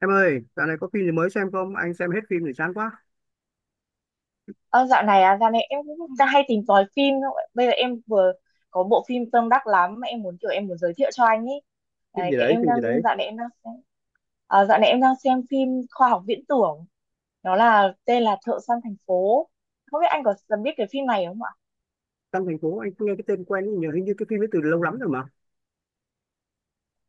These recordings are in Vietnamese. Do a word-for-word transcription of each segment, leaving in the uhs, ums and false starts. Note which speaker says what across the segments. Speaker 1: Em ơi, dạo này có phim gì mới xem không? Anh xem hết phim rồi chán quá.
Speaker 2: Ờ, dạo này à, dạo này em cũng đang hay tìm tòi phim thôi. Bây giờ em vừa có bộ phim tâm đắc lắm mà em muốn kiểu em muốn giới thiệu cho anh ý.
Speaker 1: Phim
Speaker 2: Đấy,
Speaker 1: gì
Speaker 2: cái
Speaker 1: đấy,
Speaker 2: em
Speaker 1: phim gì
Speaker 2: đang
Speaker 1: đấy?
Speaker 2: dạo này em đang xem à, dạo này em đang xem phim khoa học viễn tưởng. Nó là tên là Thợ săn thành phố. Không biết anh có biết cái phim này không ạ?
Speaker 1: Trong thành phố anh cũng nghe cái tên quen nhưng nhớ hình như cái phim ấy từ lâu lắm rồi mà.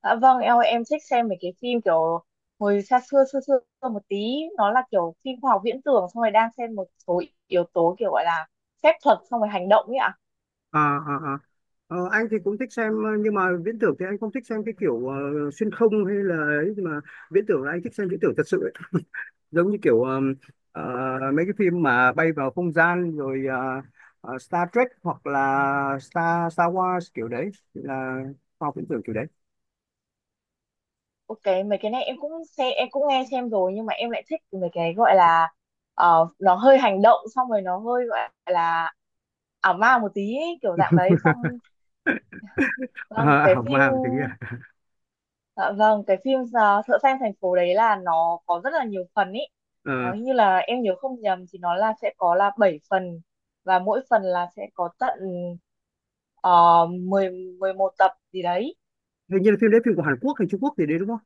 Speaker 2: Dạ vâng, em em thích xem mấy cái phim kiểu hồi xa xưa xưa xưa một tí, nó là kiểu phim khoa học viễn tưởng xong rồi đang xem một số yếu tố kiểu gọi là phép thuật xong rồi hành động ấy ạ.
Speaker 1: À, à, à. Ờ, anh thì cũng thích xem, ờ, nhưng mà viễn tưởng thì anh không thích xem cái kiểu ờ, xuyên không hay là ấy, nhưng mà viễn tưởng là anh thích xem viễn tưởng thật sự ấy. Giống như kiểu ờ, ờ, mấy cái phim mà bay vào không gian rồi, ờ, ờ, Star Trek hoặc là Star Star Wars, kiểu đấy là khoa học viễn tưởng kiểu đấy.
Speaker 2: Ok, mấy cái này em cũng xem em cũng nghe xem rồi, nhưng mà em lại thích mấy cái gọi là ờ, nó hơi hành động xong rồi nó hơi gọi là ảo ma một tí ấy, kiểu dạng đấy xong vâng,
Speaker 1: À,
Speaker 2: cái
Speaker 1: hỏng
Speaker 2: phim
Speaker 1: màng thì kia.
Speaker 2: dạ vâng cái phim ờ, Thợ Săn Thành Phố đấy là nó có rất là nhiều phần ý, nó hình như là em nhớ không nhầm thì nó là sẽ có là bảy phần, và mỗi phần là sẽ có tận uh, mười mười một tập gì đấy.
Speaker 1: Hình như là phim đấy, phim của Hàn Quốc hay Trung Quốc thì đấy đúng không?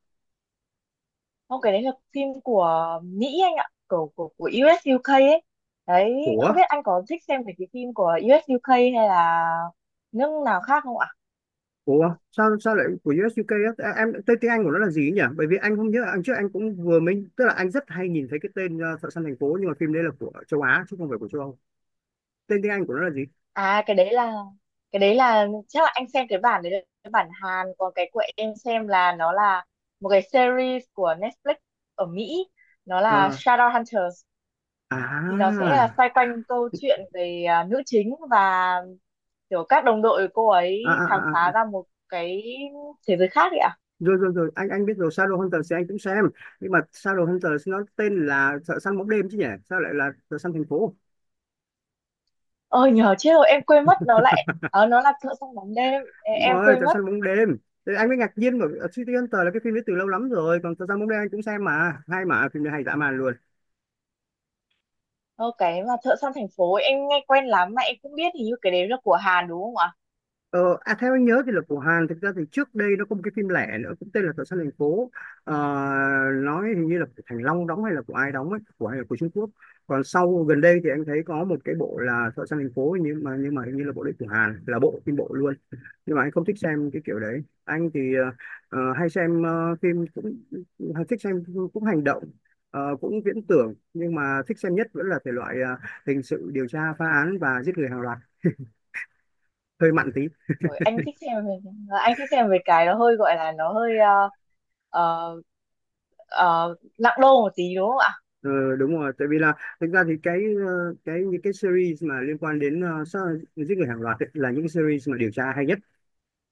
Speaker 2: Không, cái đấy là phim của Mỹ anh ạ, của của của u ét u ca ấy. Đấy,
Speaker 1: của
Speaker 2: không biết anh có thích xem về cái phim của u ét u ca hay là nước nào khác không ạ?
Speaker 1: của sao sao lại của u es u ca á? À, em, tên tiếng Anh của nó là gì ấy nhỉ? Bởi vì anh không nhớ, anh trước anh cũng vừa mình, tức là anh rất hay nhìn thấy cái tên uh, Thợ Săn Thành Phố, nhưng mà phim đấy là của châu Á chứ không phải của châu Âu. Tên tiếng Anh của nó là gì?
Speaker 2: À cái đấy là cái đấy là chắc là anh xem cái bản đấy là cái bản Hàn, còn cái của em xem là nó là một cái series của Netflix ở Mỹ, nó
Speaker 1: Ờ,
Speaker 2: là Shadowhunters, thì nó
Speaker 1: à,
Speaker 2: sẽ là xoay quanh câu chuyện về à, nữ chính và kiểu các đồng đội cô
Speaker 1: à,
Speaker 2: ấy khám
Speaker 1: à, à,
Speaker 2: phá
Speaker 1: à.
Speaker 2: ra một cái thế giới khác ấy ạ.
Speaker 1: Rồi rồi rồi, anh anh biết rồi, Shadow Hunters thì anh cũng xem. Nhưng mà Shadow Hunters nó tên là Thợ Săn Bóng Đêm chứ nhỉ, sao lại là Thợ Săn Thành Phố?
Speaker 2: ờ nhờ chết rồi em quên mất nó lại ờ nó là thợ săn bóng đêm. Ê,
Speaker 1: Đúng
Speaker 2: em
Speaker 1: rồi,
Speaker 2: quên
Speaker 1: Trại
Speaker 2: mất.
Speaker 1: Săn Bóng Đêm, thì anh mới ngạc nhiên bởi vì City Hunter là cái phim đấy từ lâu lắm rồi, còn Trại Săn Bóng Đêm anh cũng xem mà hay, mà phim này hay dã man luôn.
Speaker 2: ờ, cái mà thợ săn thành phố ấy, em nghe quen lắm mà em cũng biết hình như cái đấy là của Hàn đúng không ạ?
Speaker 1: Ờ, à, theo anh nhớ thì luật của Hàn, thực ra thì trước đây nó có một cái phim lẻ nữa cũng tên là Tội Săn Thành Phố. Ờ, nói hình như là của Thành Long đóng hay là của ai đóng ấy, của ai là của Trung Quốc. Còn sau gần đây thì anh thấy có một cái bộ là Tội Săn Thành Phố, nhưng mà nhưng mà hình như là bộ đấy của Hàn là bộ phim bộ luôn. Nhưng mà anh không thích xem cái kiểu đấy, anh thì ờ, ờ, hay xem ờ, phim cũng hay, thích xem cũng hành động, ờ, cũng viễn tưởng, nhưng mà thích xem nhất vẫn là thể loại ờ, hình sự, điều tra phá án và giết người hàng loạt, hơi mặn tí.
Speaker 2: Ôi, anh thích xem về ờ, anh thích xem về cái nó hơi gọi là nó hơi ờ, ờ, ờ, nặng đô một tí đúng không ạ?
Speaker 1: Ờ, đúng rồi, tại vì là, thực ra thì cái ờ, cái những cái series mà liên quan đến uh, sát, giết người hàng loạt ấy, là những series mà điều tra hay nhất.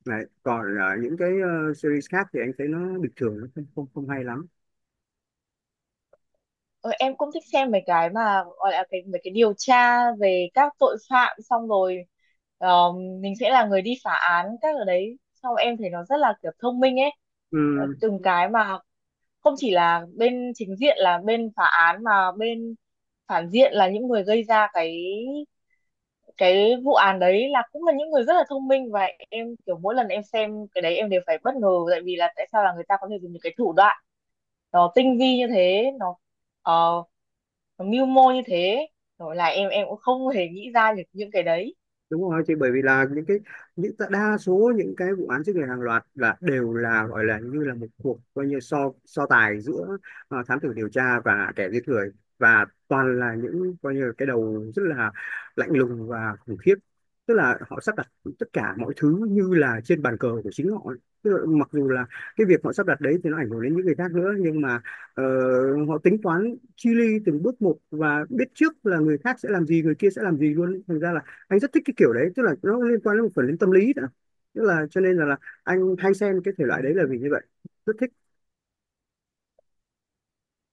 Speaker 1: Đấy. Còn ờ, những cái ờ, series khác thì anh thấy nó bình thường, nó không không, không hay lắm.
Speaker 2: Ờ, em cũng thích xem mấy cái mà gọi là cái mấy cái điều tra về các tội phạm xong rồi ờ, mình sẽ là người đi phá án các ở đấy xong rồi em thấy nó rất là kiểu thông minh ấy. Ờ,
Speaker 1: Ừ,
Speaker 2: từng cái mà không chỉ là bên chính diện là bên phá án mà bên phản diện là những người gây ra cái cái vụ án đấy là cũng là những người rất là thông minh, và em kiểu mỗi lần em xem cái đấy em đều phải bất ngờ tại vì là tại sao là người ta có thể dùng những cái thủ đoạn nó tinh vi như thế nó ờ, nó mưu mô như thế, rồi là em em cũng không hề nghĩ ra được những cái đấy.
Speaker 1: đúng rồi chị, bởi vì là những cái, những ta- đa số những cái vụ án giết người hàng loạt là đều là, gọi là như là một cuộc coi như so so tài giữa ờ, thám tử điều tra và kẻ giết người, và toàn là những coi như là cái đầu rất là lạnh lùng và khủng khiếp. Tức là họ sắp đặt tất cả mọi thứ như là trên bàn cờ của chính họ, tức là mặc dù là cái việc họ sắp đặt đấy thì nó ảnh hưởng đến những người khác nữa, nhưng mà ờ, họ tính toán chi li từng bước một và biết trước là người khác sẽ làm gì, người kia sẽ làm gì luôn, thành ra là anh rất thích cái kiểu đấy, tức là nó liên quan đến một phần đến tâm lý nữa, tức là cho nên là, là anh hay xem cái thể loại đấy là vì như vậy, rất thích.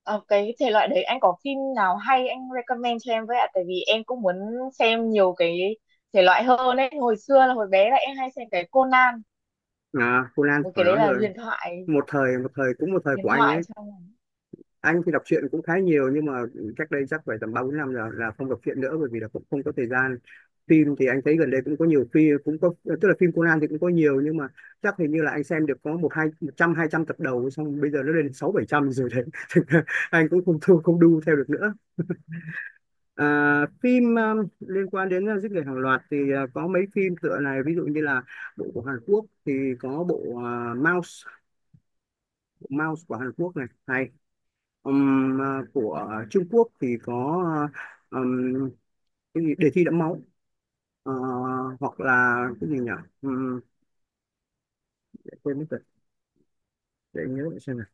Speaker 2: Ờ, cái thể loại đấy anh có phim nào hay anh recommend cho em với ạ, tại vì em cũng muốn xem nhiều cái thể loại hơn ấy, hồi xưa là hồi bé là em hay xem cái Conan.
Speaker 1: À, Conan
Speaker 2: Ôi,
Speaker 1: phải
Speaker 2: cái đấy
Speaker 1: nói
Speaker 2: là
Speaker 1: rồi,
Speaker 2: huyền thoại
Speaker 1: một thời, một thời, cũng một thời của
Speaker 2: điện
Speaker 1: anh
Speaker 2: thoại
Speaker 1: đấy.
Speaker 2: xong rồi.
Speaker 1: Anh thì đọc truyện cũng khá nhiều, nhưng mà cách đây chắc phải tầm ba bốn năm rồi là không đọc truyện nữa, bởi vì là cũng không có thời gian. Phim thì anh thấy gần đây cũng có nhiều phim, cũng có, tức là phim Conan thì cũng có nhiều, nhưng mà chắc hình như là anh xem được có một hai, một trăm hai trăm tập đầu, xong bây giờ nó lên sáu bảy trăm rồi đấy. Thành ra anh cũng không thu không đu theo được nữa. À, phim um, liên quan đến uh, giết người hàng loạt thì uh, có mấy phim tựa này, ví dụ như là bộ của Hàn Quốc thì có bộ uh, Mouse. Bộ Mouse của Hàn Quốc này hay. Ừm, uh, của Trung Quốc thì có, uh, um, cái gì Đề Thi Đẫm Máu. Ờ, Hoặc là cái gì nhỉ. Ừm, để quên mất rồi, để nhớ lại xem nào.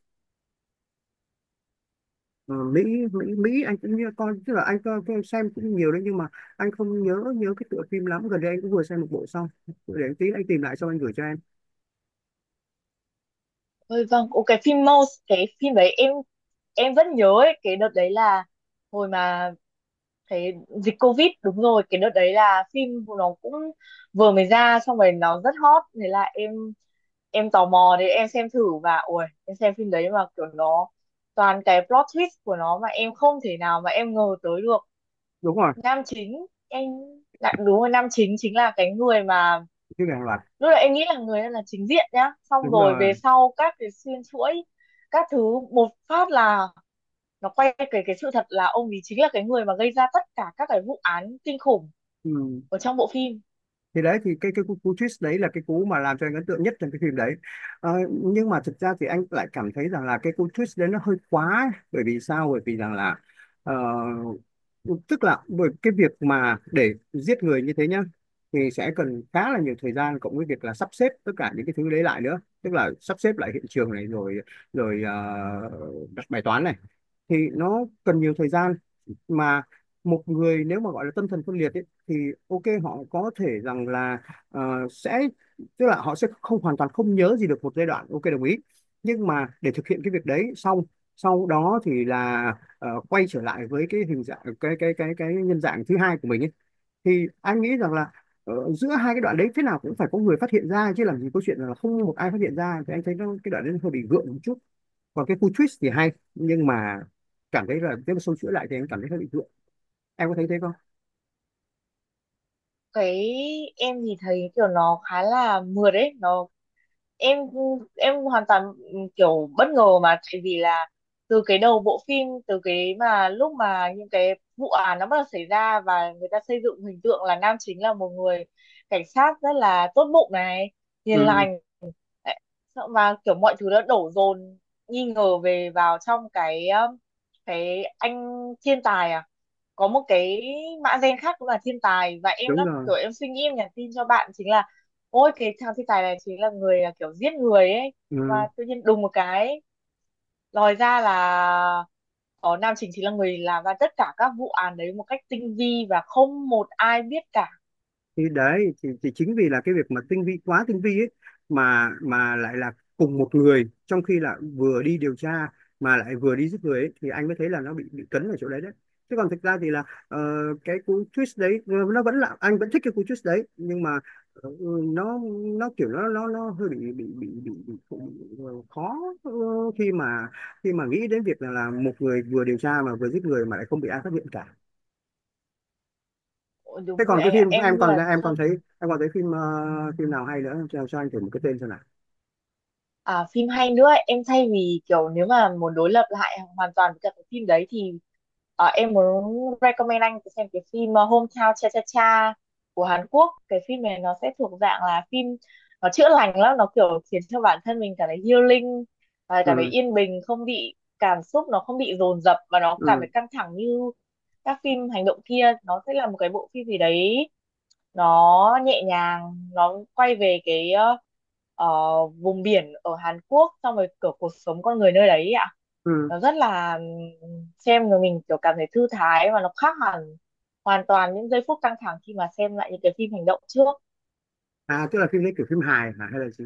Speaker 1: Ờ, Mỹ, Mỹ, Mỹ anh cũng như con, tức là anh coi coi xem cũng nhiều đấy, nhưng mà anh không nhớ nhớ cái tựa phim lắm, gần đây anh cũng vừa xem một bộ xong, để anh tí anh tìm lại xong anh gửi cho em.
Speaker 2: Ôi vâng, ồ, cái phim Mouse, cái phim đấy em em vẫn nhớ ấy, cái đợt đấy là hồi mà cái dịch Covid đúng rồi, cái đợt đấy là phim của nó cũng vừa mới ra xong rồi nó rất hot, thế là em em tò mò đấy em xem thử và ui em xem phim đấy mà kiểu nó toàn cái plot twist của nó mà em không thể nào mà em ngờ tới được.
Speaker 1: Đúng rồi.
Speaker 2: Nam chính em lại đúng rồi, nam chính chính là cái người mà
Speaker 1: Cái hàng loạt.
Speaker 2: lúc đấy em nghĩ là người là chính diện nhá, xong
Speaker 1: Đúng
Speaker 2: rồi về
Speaker 1: rồi.
Speaker 2: sau các cái xuyên chuỗi các thứ một phát là nó quay về cái sự thật là ông ấy chính là cái người mà gây ra tất cả các cái vụ án kinh khủng
Speaker 1: Ừ.
Speaker 2: ở trong bộ phim.
Speaker 1: Thì đấy, thì cái cái cú, cú twist đấy là cái cú mà làm cho anh ấn tượng nhất trong cái phim đấy. Ờ, nhưng mà thực ra thì anh lại cảm thấy rằng là cái cú twist đấy nó hơi quá ấy. Bởi vì sao? Bởi vì rằng là ờ, tức là bởi cái việc mà để giết người như thế nhá, thì sẽ cần khá là nhiều thời gian, cộng với việc là sắp xếp tất cả những cái thứ đấy lại nữa, tức là sắp xếp lại hiện trường này rồi, rồi ờ, đặt bài toán này, thì nó cần nhiều thời gian. Mà một người nếu mà gọi là tâm thần phân liệt ấy, thì ok họ có thể rằng là, ờ, sẽ tức là họ sẽ không, hoàn toàn không nhớ gì được một giai đoạn, ok đồng ý. Nhưng mà để thực hiện cái việc đấy xong, sau đó thì là ờ, quay trở lại với cái hình dạng cái cái cái cái nhân dạng thứ hai của mình ấy, thì anh nghĩ rằng là ờ, giữa hai cái đoạn đấy thế nào cũng phải có người phát hiện ra chứ, làm gì có chuyện là không một ai phát hiện ra, thì anh thấy nó, cái đoạn đấy nó hơi bị gượng một chút. Còn cái khu twist thì hay, nhưng mà cảm thấy là nếu mà xâu chuỗi lại thì em cảm thấy hơi bị gượng, em có thấy thế không?
Speaker 2: Cái em thì thấy kiểu nó khá là mượt đấy nó em em hoàn toàn ừ, kiểu bất ngờ mà tại vì là từ cái đầu bộ phim từ cái mà lúc mà những cái vụ án nó bắt đầu xảy ra và người ta xây dựng hình tượng là nam chính là một người cảnh sát rất là tốt bụng này, hiền
Speaker 1: Ừ.
Speaker 2: lành. Đấy. Sợ mà kiểu mọi thứ đã đổ dồn nghi ngờ về vào trong cái um, cái anh thiên tài à, có một cái mã gen khác cũng là thiên tài, và em
Speaker 1: Đúng
Speaker 2: đã
Speaker 1: rồi.
Speaker 2: kiểu em suy nghĩ em nhắn tin cho bạn chính là ôi cái thằng thiên tài này chính là người là kiểu giết người ấy. Và
Speaker 1: Ừ.
Speaker 2: tự nhiên đùng một cái lòi ra là có nam chính chính là người làm ra tất cả các vụ án đấy một cách tinh vi và không một ai biết cả.
Speaker 1: Thì đấy, thì, thì chính vì là cái việc mà tinh vi quá tinh vi ấy, mà mà lại là cùng một người, trong khi là vừa đi điều tra mà lại vừa đi giết người ấy, thì anh mới thấy là nó bị bị cấn ở chỗ đấy đấy. Chứ còn thực ra thì là, ờ, cái cú twist đấy, ờ, nó vẫn là, anh vẫn thích cái cú twist đấy, nhưng mà ờ, nó nó kiểu nó nó nó hơi bị bị bị bị, bị, bị ờ, khó, ờ, khi mà khi mà nghĩ đến việc là, là một người vừa điều tra mà vừa giết người mà lại không bị ai phát hiện cả.
Speaker 2: Ôi, đúng
Speaker 1: Thế
Speaker 2: rồi
Speaker 1: còn cái
Speaker 2: anh ạ
Speaker 1: phim em
Speaker 2: em như
Speaker 1: còn,
Speaker 2: là
Speaker 1: em còn thấy em còn thấy phim ờ, phim nào hay nữa cho, cho anh thử một cái tên xem nào.
Speaker 2: à, phim hay nữa ấy. Em thay vì kiểu nếu mà muốn đối lập lại hoàn toàn với cả cái phim đấy thì ờ, em muốn recommend anh xem cái phim ờ, Hometown Cha Cha Cha của Hàn Quốc. Cái phim này nó sẽ thuộc dạng là phim nó chữa lành lắm, nó kiểu khiến cho bản thân mình cảm thấy healing, à, cảm thấy
Speaker 1: Ừ,
Speaker 2: yên bình, không bị cảm xúc nó không bị dồn dập và nó cảm
Speaker 1: ừ,
Speaker 2: thấy căng thẳng như các phim hành động kia. Nó sẽ là một cái bộ phim gì đấy nó nhẹ nhàng, nó quay về cái ờ, ờ, vùng biển ở Hàn Quốc xong rồi kiểu cuộc sống con người nơi đấy ấy ạ.
Speaker 1: ừ.
Speaker 2: Nó rất là ừm, xem rồi mình kiểu cảm thấy thư thái, và nó khác hẳn hoàn toàn những giây phút căng thẳng khi mà xem lại những cái phim hành động trước.
Speaker 1: À tức là phim đấy kiểu phim hài hả hay là gì?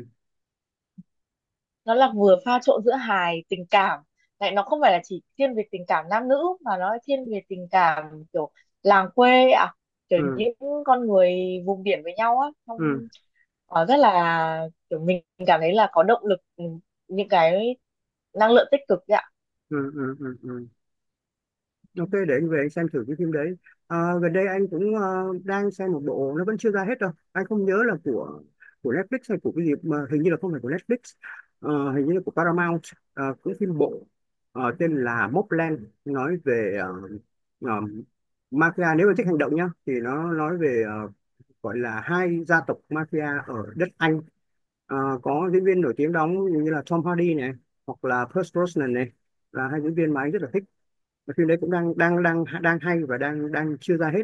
Speaker 2: Nó là vừa pha trộn giữa hài tình cảm, lại nó không phải là chỉ thiên về tình cảm nam nữ mà nó thiên về tình cảm kiểu làng quê ạ, kiểu
Speaker 1: Ừ,
Speaker 2: những con người vùng biển với nhau á
Speaker 1: ừ,
Speaker 2: trong. Ờ, rất là kiểu mình cảm thấy là có động lực, ừ, những cái năng lượng tích cực đấy ạ.
Speaker 1: ừ, ừ, ừ, ừ. Ok, để anh về anh xem thử cái phim đấy. À, gần đây anh cũng ờ, đang xem một bộ, nó vẫn chưa ra hết đâu. Anh không nhớ là của của Netflix hay của cái gì mà hình như là không phải của Netflix. Ờ, hình như là của Paramount. Ờ, cái phim bộ, ờ, tên là Mobland, nói về ờ, ờ, mafia. Nếu mà thích hành động nhá, thì nó nói về, ờ, gọi là hai gia tộc mafia ở đất Anh. Ờ, có diễn viên nổi tiếng đóng như là Tom Hardy này, hoặc là Pierce Brosnan này, là hai diễn viên mà anh rất là thích, mà phim đấy cũng đang đang đang đang hay, và đang đang chưa ra hết.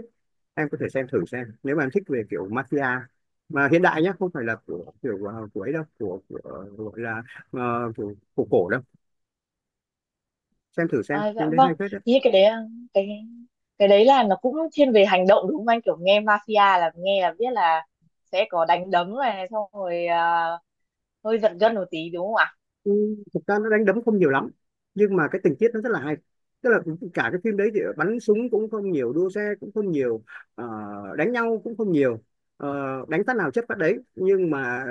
Speaker 1: Em có thể xem thử xem, nếu mà em thích về kiểu mafia mà hiện đại nhá, không phải là của kiểu của của ấy đâu, của, của gọi là ờ, của, của cổ đâu. Xem thử xem
Speaker 2: À, dạ
Speaker 1: phim đấy
Speaker 2: vâng,
Speaker 1: hay phết đấy.
Speaker 2: thế cái đấy ờ, cái cái đấy là nó cũng thiên về hành động đúng không anh, kiểu nghe mafia là nghe là biết là sẽ có đánh đấm này xong rồi à, hơi giật gân một tí đúng không ạ?
Speaker 1: Ừ, thực ra nó đánh đấm không nhiều lắm, nhưng mà cái tình tiết nó rất là hay, tức là cả cái phim đấy thì bắn súng cũng không nhiều, đua xe cũng không nhiều, ờ, đánh nhau cũng không nhiều, ờ, đánh phát nào chất phát đấy, nhưng mà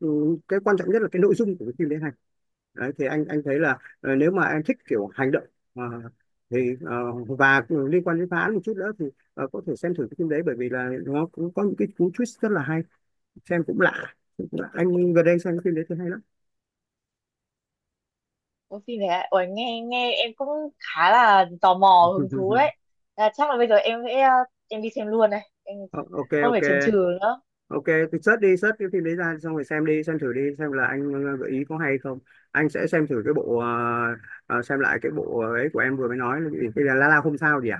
Speaker 1: ừ, cái quan trọng nhất là cái nội dung của cái phim đấy hay. Đấy thì anh anh thấy là ờ, nếu mà em thích kiểu hành động, ờ, thì ờ, và liên quan đến phá án một chút nữa thì ờ, có thể xem thử cái phim đấy, bởi vì là nó cũng có những cái cú twist rất là hay, xem cũng lạ. Cũng lạ. Anh gần đây xem cái phim đấy thì hay lắm.
Speaker 2: Ôi phim này ôi nghe nghe em cũng khá là tò mò hứng thú đấy. À, chắc là bây giờ em sẽ ờ, em đi xem luôn này em
Speaker 1: Ờ, ok,
Speaker 2: không
Speaker 1: ok,
Speaker 2: phải chần chừ nữa.
Speaker 1: ok. Thì search đi, search cái phim đấy ra xong rồi xem đi, xem thử đi, xem là anh ờ, gợi ý có hay không. Anh sẽ xem thử cái bộ ờ, ờ, xem lại cái bộ ấy của em vừa mới nói là cái gì? Cái là La La không sao gì à?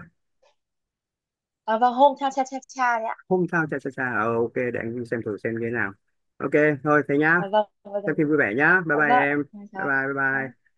Speaker 2: À, vâng hôm cha cha cha cha đấy ạ.
Speaker 1: Không sao Cha Cha Cha, ờ, ok, để anh đi xem thử xem như thế nào. Ok, thôi thế nhá,
Speaker 2: À, vâng
Speaker 1: xem phim
Speaker 2: vâng.
Speaker 1: vui vẻ nhá, bye
Speaker 2: Dạ
Speaker 1: bye
Speaker 2: vâng,
Speaker 1: em.
Speaker 2: dạ
Speaker 1: Bye
Speaker 2: rồi.
Speaker 1: bye, bye
Speaker 2: Vâng.
Speaker 1: bye.